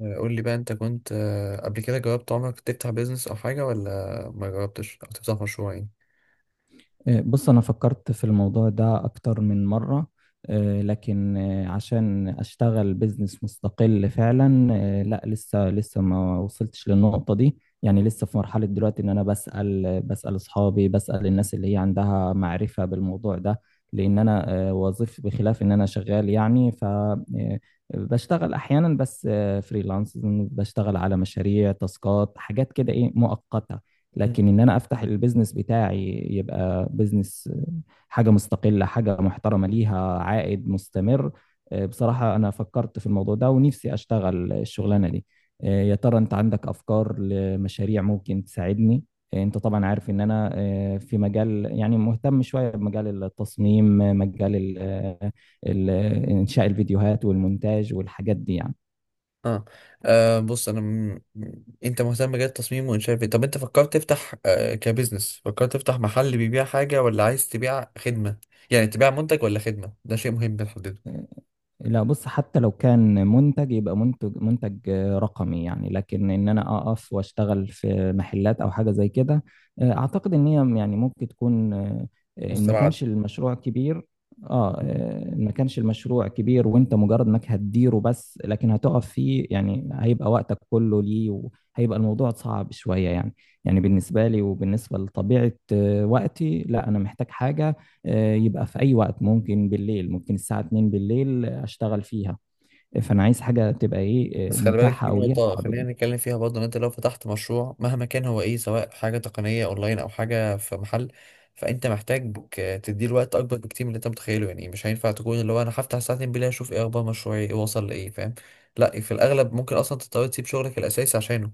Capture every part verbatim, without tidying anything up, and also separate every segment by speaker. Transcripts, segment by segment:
Speaker 1: قول لي بقى، انت كنت آه، قبل كده جربت عمرك تفتح بيزنس او حاجة، ولا ما جربتش او تفتح مشروع يعني؟
Speaker 2: آه، بص، أنا فكرت في الموضوع ده أكتر من مرة، آه، لكن آه، عشان أشتغل بزنس مستقل فعلا، آه، لا لسه لسه ما وصلتش للنقطة دي. يعني لسه في مرحلة دلوقتي إن أنا بسأل بسأل أصحابي، بسأل الناس اللي هي عندها معرفة بالموضوع ده. لأن أنا آه، وظيف بخلاف إن أنا شغال يعني. ف آه، بشتغل أحيانا بس، فريلانس، بشتغل على مشاريع، تاسكات، حاجات كده، إيه، مؤقتة.
Speaker 1: مم.
Speaker 2: لكن ان انا افتح البيزنس بتاعي يبقى بيزنس، حاجه مستقله، حاجه محترمه ليها عائد مستمر. آه، بصراحه انا فكرت في الموضوع ده ونفسي اشتغل الشغلانه دي. آه، يا ترى انت عندك افكار لمشاريع ممكن تساعدني؟ آه، انت طبعا عارف ان انا آه، في مجال، يعني مهتم شويه بمجال التصميم، آه، مجال ال- آه، ال- آه، انشاء الفيديوهات والمونتاج والحاجات دي يعني.
Speaker 1: اه، آه، بص انا م... م- انت مهتم بجد التصميم وانشاء الفيديو. طب انت فكرت تفتح آه، كبزنس، فكرت تفتح محل بيبيع حاجة، ولا عايز تبيع خدمة؟ يعني تبيع منتج ولا خدمة، ده شيء مهم بنحدده.
Speaker 2: آه، لا بص، حتى لو كان منتج يبقى منتج، منتج آه، رقمي يعني. لكن ان انا اقف واشتغل في محلات او حاجه زي كده، آه، اعتقد ان هي يعني ممكن تكون، آه، ان ما
Speaker 1: مستبعد.
Speaker 2: كانش المشروع كبير. اه. آه، ان ما كانش المشروع كبير وانت مجرد انك هتديره بس، لكن هتقف فيه يعني هيبقى وقتك كله ليه، وهيبقى الموضوع صعب شويه يعني. يعني بالنسبه لي وبالنسبه لطبيعه آه، وقتي، لا انا محتاج حاجه، آه، يبقى في أي وقت، ممكن بالليل، ممكن الساعة اتنين بالليل أشتغل فيها. فأنا عايز حاجة تبقى إيه، آه،
Speaker 1: بس خلي بالك
Speaker 2: متاحة
Speaker 1: في
Speaker 2: أو ليها
Speaker 1: نقطة خلينا
Speaker 2: قابلية.
Speaker 1: نتكلم فيها برضه، إن أنت لو فتحت مشروع مهما كان هو إيه، سواء حاجة تقنية أونلاين أو حاجة في محل، فأنت محتاج ك- تديله وقت أكبر بكتير من اللي أنت متخيله. يعني مش هينفع تكون اللي هو أنا هفتح ساعتين بالله أشوف إيه أخبار مشروعي، إيه وصل لإيه، فاهم؟ لا، في الأغلب ممكن أصلا تضطر تسيب شغلك الأساسي عشانه.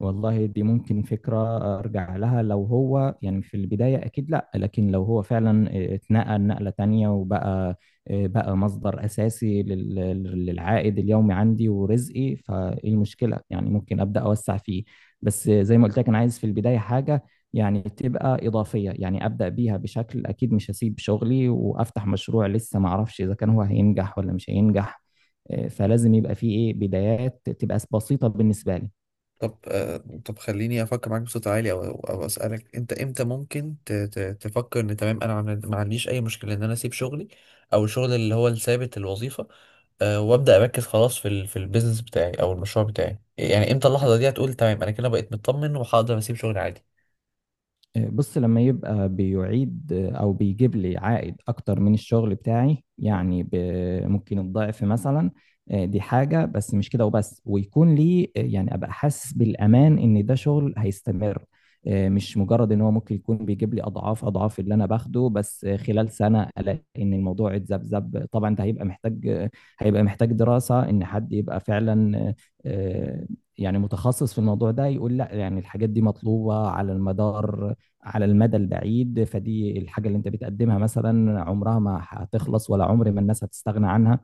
Speaker 2: والله دي ممكن فكرة أرجع لها. لو هو يعني في البداية أكيد لأ، لكن لو هو فعلا اتنقل نقلة تانية وبقى بقى مصدر أساسي لل- للعائد اليومي عندي ورزقي، فإيه المشكلة؟ يعني ممكن أبدأ أوسع فيه. بس زي ما قلت لك، أنا عايز في البداية حاجة يعني تبقى إضافية، يعني أبدأ بيها. بشكل أكيد مش هسيب شغلي وأفتح مشروع لسه معرفش إذا كان هو هينجح ولا مش هينجح. آه، فلازم يبقى فيه إيه بدايات تبقى بسيطة بالنسبة لي.
Speaker 1: طب آه، طب خليني أفكر معاك بصوت عالي، أو أو أسألك، أنت إمتى ممكن ت- ت- تفكر إن تمام أنا عن- ما عنديش أي مشكلة إن أنا أسيب شغلي، أو الشغل اللي هو الثابت، الوظيفة؟ أه، وابدا اركز خلاص في ال في البيزنس بتاعي او المشروع بتاعي. يعني امتى اللحظه دي هتقول تمام، انا كده بقيت مطمن وهقدر اسيب شغلي عادي؟
Speaker 2: آه، بص، لما يبقى بيعيد آه، او بيجيب لي عائد اكتر من الشغل بتاعي، يعني ب- ممكن الضعف مثلا. آه، دي حاجة، بس مش كده وبس. ويكون لي آه، يعني ابقى حاسس بالامان ان ده شغل هيستمر. آه، مش مجرد ان هو ممكن يكون بيجيب لي اضعاف اضعاف اللي انا باخده، بس آه، خلال سنة الاقي ان الموضوع اتذبذب، طبعا ده هيبقى محتاج، آه، هيبقى محتاج دراسة ان حد يبقى فعلا، آه، آه، يعني متخصص في الموضوع ده، يقول لا يعني الحاجات دي مطلوبة على المدار، على المدى البعيد. فدي الحاجة اللي انت بتقدمها مثلا عمرها ما هتخلص، ولا عمر ما الناس هتستغنى عنها.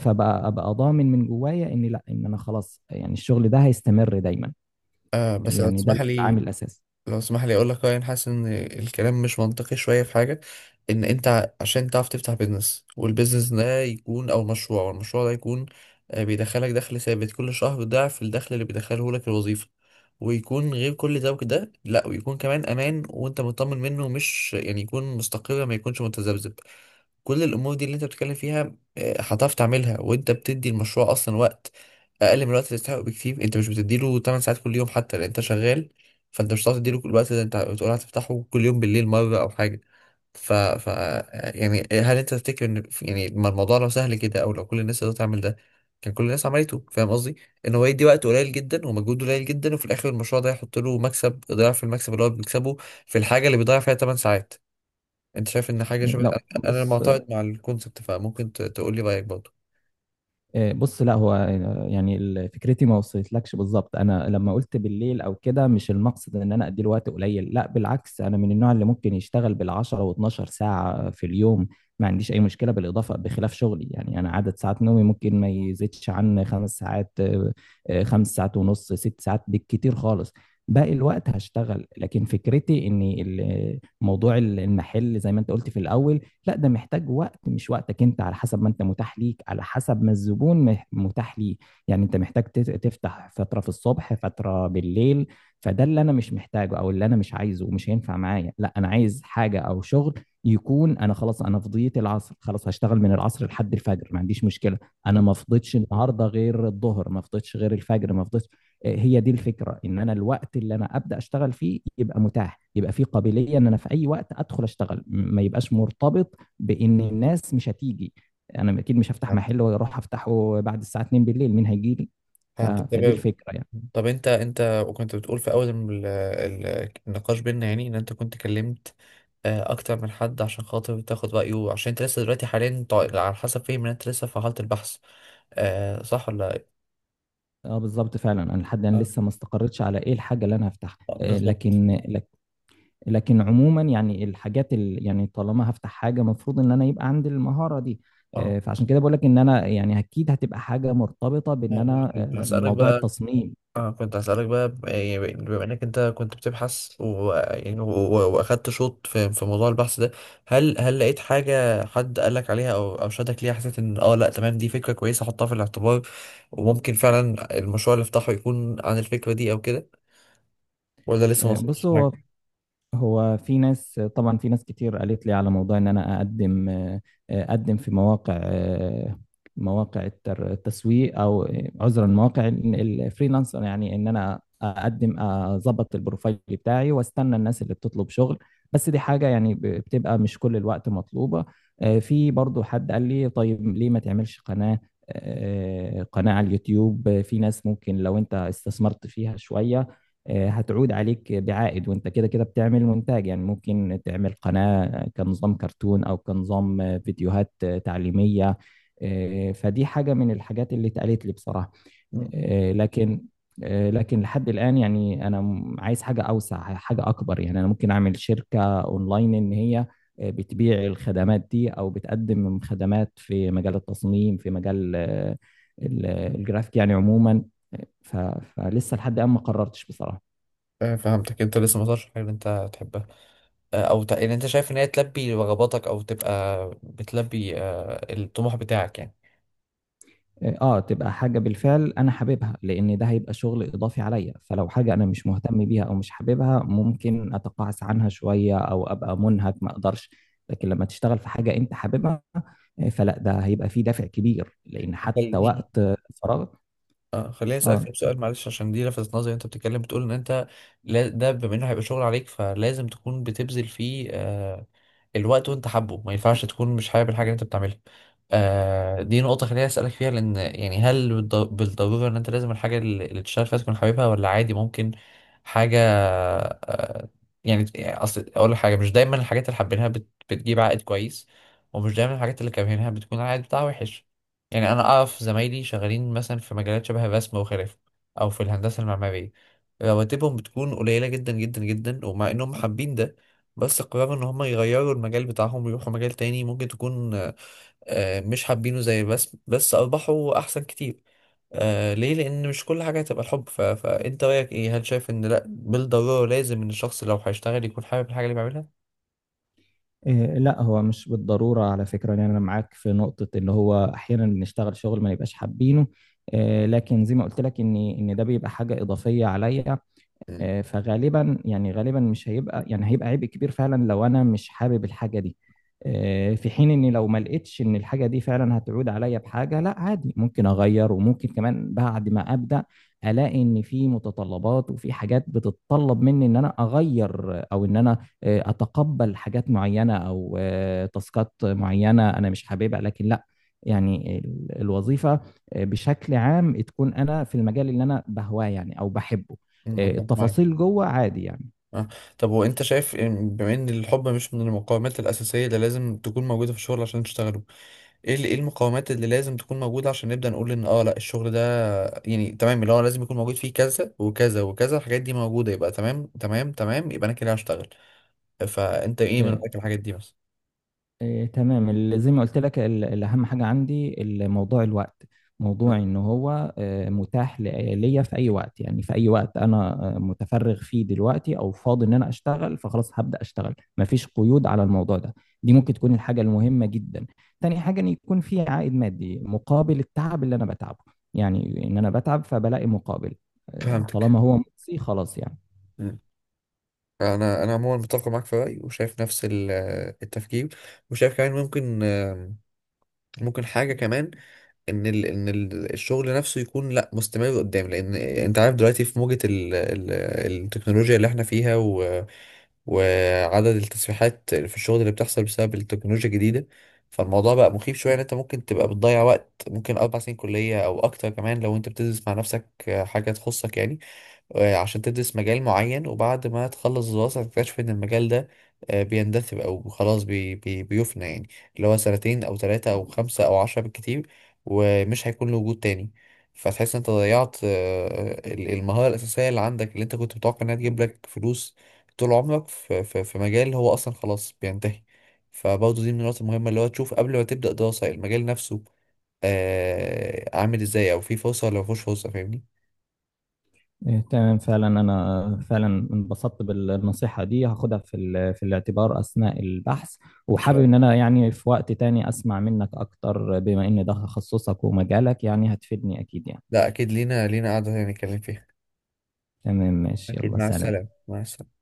Speaker 2: فبقى ابقى ضامن من جوايا، ان لا، ان انا خلاص يعني الشغل ده هيستمر دايما.
Speaker 1: آه بس لو
Speaker 2: يعني ده
Speaker 1: تسمح لي
Speaker 2: العامل الاساسي.
Speaker 1: لو تسمح لي اقول لك رأيي. انا حاسس ان الكلام مش منطقي شويه في حاجه. ان انت ع- عشان تعرف تفتح بيزنس، والبيزنس ده يكون، او مشروع والمشروع ده يكون آه، بيدخلك دخل ثابت كل شهر، ضعف الدخل اللي بيدخله لك الوظيفه، ويكون غير كل ده، وكده لا، ويكون كمان امان وانت مطمن منه، مش يعني يكون مستقر، ما يكونش متذبذب. كل الامور دي اللي انت بتتكلم فيها آه، هتعرف تعملها وانت بتدي المشروع اصلا وقت اقل من الوقت اللي تستحقه بكتير. انت مش بتديله تمن ساعات كل يوم حتى، لان انت شغال. فانت مش هتعرف تديله كل الوقت ده. انت بتقول هتفتحه كل يوم بالليل مره او حاجه. ف... ف يعني، هل انت تفتكر ان، يعني، ما الموضوع لو سهل كده، او لو كل الناس تقدر تعمل ده كان كل الناس عملته؟ فاهم قصدي؟ ان هو يدي وقت قليل جدا ومجهود قليل جدا، وفي الاخر المشروع ده يحط له مكسب ضعف المكسب اللي هو بيكسبه في الحاجه اللي بيضيع فيها ثماني ساعات. انت شايف ان حاجه شبه،
Speaker 2: لو
Speaker 1: انا أنا
Speaker 2: بص
Speaker 1: معتقد مع الكونسبت؟ فممكن ت- تقول لي رايك برضه.
Speaker 2: إيه، بص، لا هو آه، يعني ال- فكرتي ما وصلتلكش بالظبط. انا لما قلت بالليل او كده، مش المقصد ان انا اديله وقت قليل. لا بالعكس، انا من النوع اللي ممكن يشتغل بال10 و12 ساعه في اليوم، ما عنديش اي مشكله بالاضافه بخلاف شغلي يعني. انا عدد ساعات نومي ممكن ما يزيدش عن خمس ساعات، آه، آه، خمس ساعات ونص، ست ساعات بالكتير خالص. باقي الوقت هشتغل. لكن فكرتي ان ال- موضوع المحل زي ما انت قلت في الاول، لا ده محتاج وقت، مش وقتك انت، على حسب ما انت متاح ليك، على حسب ما الزبون مح- متاح ليه. يعني انت محتاج تت- تفتح فترة في الصبح، فترة بالليل. فده اللي انا مش محتاجه او اللي انا مش عايزه، ومش هينفع معايا. لا، انا عايز حاجة او شغل يكون انا خلاص، انا فضيت العصر خلاص هشتغل من العصر لحد الفجر، ما عنديش مشكلة. انا ما فضيتش النهارده غير الظهر، ما فضيتش غير الفجر، ما فضيتش. هي دي الفكره، ان انا الوقت اللي انا ابدا اشتغل فيه يبقى متاح، يبقى فيه قابليه ان انا في اي وقت ادخل اشتغل، م- ما يبقاش مرتبط بان الناس مش هتيجي. انا اكيد مش هفتح
Speaker 1: فهمت
Speaker 2: محل واروح افتحه بعد الساعه اتنين بالليل، مين هيجي لي؟ ف...
Speaker 1: فهمتك
Speaker 2: فدي
Speaker 1: تمام.
Speaker 2: الفكره يعني.
Speaker 1: طب انت انت وكنت بتقول في اول ال- ال- النقاش بينا، يعني ان انت كنت كلمت آه، اكتر من حد عشان خاطر تاخد رايه، عشان انت لسه دلوقتي حاليا طا- على حسب فهم ان انت لسه في حاله البحث. آه، صح ولا إيه؟
Speaker 2: اه، بالظبط فعلا، انا لحد الان
Speaker 1: اه،
Speaker 2: لسه ما استقرتش على ايه الحاجه اللي انا هفتحها،
Speaker 1: آه،
Speaker 2: آه،
Speaker 1: بالظبط.
Speaker 2: لكن لك- لكن عموما يعني الحاجات ال... يعني طالما هفتح حاجه المفروض ان انا يبقى عندي المهاره دي. آه،
Speaker 1: اه،
Speaker 2: فعشان كده بقول لك ان انا، يعني اكيد هتبقى حاجه مرتبطه بان
Speaker 1: آه،
Speaker 2: انا، آه،
Speaker 1: بسألك
Speaker 2: موضوع
Speaker 1: بقى.
Speaker 2: التصميم.
Speaker 1: اه، كنت هسألك بقى، ب- يعني، ب- بما انك انت كنت بتبحث و... يعني و... و- واخدت شوط في... في موضوع البحث ده، هل هل لقيت حاجة حد قالك عليها، او او شدك ليها حسيت ان اه لا تمام، دي فكرة كويسة احطها في الاعتبار، وممكن فعلا المشروع اللي افتحه يكون عن الفكرة دي او كده، ولا لسه ما
Speaker 2: آه،
Speaker 1: وصلتش
Speaker 2: بص. هو
Speaker 1: حاجة؟
Speaker 2: هو في ناس، طبعا في ناس كتير قالت لي على موضوع ان انا اقدم، آه، اقدم في مواقع، آه، مواقع التر- التسويق، او عذرا مواقع الفريلانسر، يعني ان انا اقدم اظبط البروفايل بتاعي، واستنى الناس اللي بتطلب شغل. بس دي حاجة يعني ب- بتبقى مش كل الوقت مطلوبة. آه، في برضو حد قال لي، طيب ليه ما تعملش قناة؟ آه، قناة على اليوتيوب. في ناس ممكن لو انت استثمرت فيها شوية، آه، هتعود عليك بعائد، وانت كده كده بتعمل مونتاج، يعني ممكن تعمل قناة كنظام كرتون او كنظام آه، فيديوهات آه، تعليمية. آه، فدي حاجة من الحاجات اللي اتقالت لي بصراحة.
Speaker 1: مم.
Speaker 2: آه، لكن آه، لكن لحد الآن يعني، أنا م- عايز حاجة أوسع، حاجة أكبر. يعني أنا ممكن أعمل شركة أونلاين إن هي آه، بتبيع الخدمات دي أو بتقدم خدمات في مجال التصميم، في مجال آه، ال- الجرافيك يعني عموما. ف- فلسه لحد الآن ما قررتش بصراحة.
Speaker 1: آه، فهمتك، انت لسه ما وصلتش حاجة اللي انت تحبها، آه، او ت... ان انت شايف ان هي تلبي رغباتك، او تبقى بتلبي آه، الطموح بتاعك يعني.
Speaker 2: اه، تبقى حاجة بالفعل انا حاببها، لان ده هيبقى شغل اضافي عليا. فلو حاجة انا مش مهتم بيها او مش حاببها، ممكن اتقاعس عنها شوية، او ابقى منهك ما اقدرش. لكن لما تشتغل في حاجة انت حاببها، آه، فلا ده هيبقى فيه دافع كبير، لان حتى
Speaker 1: خليني
Speaker 2: وقت فراغ.
Speaker 1: اه خليني اسالك
Speaker 2: اه.
Speaker 1: طب
Speaker 2: ت-
Speaker 1: سؤال، معلش، عشان دي لفتت نظري. انت بتتكلم بتقول ان انت لا- ده بما انه هيبقى شغل عليك، فلازم تكون بتبذل فيه آه الوقت وانت حابه، ما ينفعش تكون مش حابب الحاجه اللي انت بتعملها. آه دي نقطه خليني اسالك فيها، لان يعني هل بالض- بالضروره ان انت لازم الحاجه اللي اللي تشتغل فيها تكون حاببها، ولا عادي ممكن حاجه آه يعني؟ اصل اقول لك حاجه، مش دايما الحاجات اللي حابينها بت- بتجيب عائد كويس، ومش دايما الحاجات اللي كارهينها بتكون العائد بتاعها وحش. يعني انا اعرف زمايلي شغالين مثلا في مجالات شبه الرسم وخلافه، او في الهندسه المعماريه، رواتبهم بتكون قليله جدا جدا جدا، ومع انهم حابين ده، بس قرروا ان هم يغيروا المجال بتاعهم ويروحوا مجال تاني ممكن تكون آه، آه، مش حابينه زي الرسم، بس ارباحه احسن كتير. آه ليه؟ لان مش كل حاجه هتبقى الحب. ف... فانت رايك ايه، هل شايف ان لا بالضروره لازم ان الشخص لو هيشتغل يكون حابب الحاجه اللي بيعملها؟
Speaker 2: آه، لا هو مش بالضرورة على فكرة، يعني انا معاك في نقطة ان هو احيانا بنشتغل شغل ما نبقاش حابينه. آه، لكن زي ما قلت لك ان ان ده بيبقى حاجة اضافية عليا.
Speaker 1: مم،
Speaker 2: آه، فغالبا، يعني غالبا مش هيبقى، يعني هيبقى عبء كبير فعلا لو انا مش حابب الحاجه دي. آه، في حين اني لو ما لقيتش ان الحاجه دي فعلا هتعود عليا بحاجه، لا عادي ممكن اغير. وممكن كمان بعد ما ابدا الاقي ان في متطلبات وفي حاجات بتتطلب مني ان انا اغير، او ان انا آه، اتقبل حاجات معينه او آه، تاسكات معينه انا مش حاببها، لكن لا. يعني ال- الوظيفه آه، بشكل عام تكون انا في المجال اللي انا بهواه، يعني او بحبه.
Speaker 1: مم،
Speaker 2: آه،
Speaker 1: متفق معاك.
Speaker 2: التفاصيل جوه عادي يعني.
Speaker 1: آه. طب وانت شايف إن- بما ان الحب مش من المقومات الاساسيه اللي لازم تكون موجوده في الشغل عشان تشتغله، ايه ال- ايه المقومات اللي لازم تكون موجوده عشان نبدا نقول ان اه لا، الشغل ده يعني تمام اللي هو لازم يكون موجود فيه كذا وكذا وكذا، الحاجات دي موجوده يبقى تمام تمام تمام، يبقى انا كده هشتغل. فانت ايه من
Speaker 2: آه،
Speaker 1: رايك الحاجات دي مثلا؟
Speaker 2: آه، تمام. ال- زي ما قلت لك، ال- الأهم حاجة عندي ال- موضوع الوقت، موضوع
Speaker 1: مم.
Speaker 2: إن هو آه، متاح ل- ليا في أي وقت، يعني في أي وقت أنا آه، متفرغ فيه دلوقتي أو فاضي إن أنا أشتغل، فخلاص هبدأ أشتغل، مفيش قيود على الموضوع ده. دي ممكن تكون الحاجة المهمة جدا. تاني حاجة إن يكون في عائد مادي مقابل التعب اللي أنا بتعبه، يعني إن أنا بتعب فبلاقي مقابل. آه،
Speaker 1: فهمتك.
Speaker 2: طالما هو مجزي، خلاص يعني.
Speaker 1: مم. انا انا عموما متفق معاك في رايي، وشايف نفس ال- التفكير، وشايف كمان ممكن، ممكن حاجه كمان، ان ال ان ال الشغل نفسه يكون لا مستمر قدام، لان انت عارف دلوقتي في موجة ال ال التكنولوجيا اللي احنا فيها، و وعدد التسريحات في الشغل اللي بتحصل بسبب التكنولوجيا الجديدة. فالموضوع بقى مخيف شوية، ان انت ممكن تبقى بتضيع وقت، ممكن اربع سنين كلية او اكتر كمان لو انت بتدرس مع نفسك حاجة تخصك يعني، آه، عشان تدرس مجال معين، وبعد ما تخلص الدراسة تكتشف إن المجال ده آه، بيندثر، أو خلاص بي بي بيفنى يعني، اللي هو سنتين أو ثلاثة أو خمسة أو عشرة بالكتير، ومش هيكون له وجود تاني. فتحس إن أنت ضيعت آه، ال- المهارة الأساسية اللي عندك، اللي أنت كنت متوقع إنها تجيب لك فلوس طول عمرك، في, في, في مجال هو أصلا خلاص بينتهي. فبرضه دي من النقط المهمة اللي هو تشوف قبل ما تبدأ دراسة المجال نفسه، آه، عامل إزاي، أو فيه فرصة ولا مفيهوش فرصة، فاهمني؟
Speaker 2: إيه، تمام فعلا، أنا فعلا انبسطت بالنصيحة دي، هاخدها في ال- في الاعتبار أثناء البحث. وحابب إن أنا يعني في وقت تاني أسمع منك أكتر، بما إن ده تخصصك ومجالك يعني هتفيدني أكيد يعني.
Speaker 1: لا اكيد، لينا لينا قعدة تانية نتكلم فيها.
Speaker 2: تمام، ماشي،
Speaker 1: اكيد،
Speaker 2: يلا
Speaker 1: مع
Speaker 2: سلام.
Speaker 1: السلامة مع السلامة.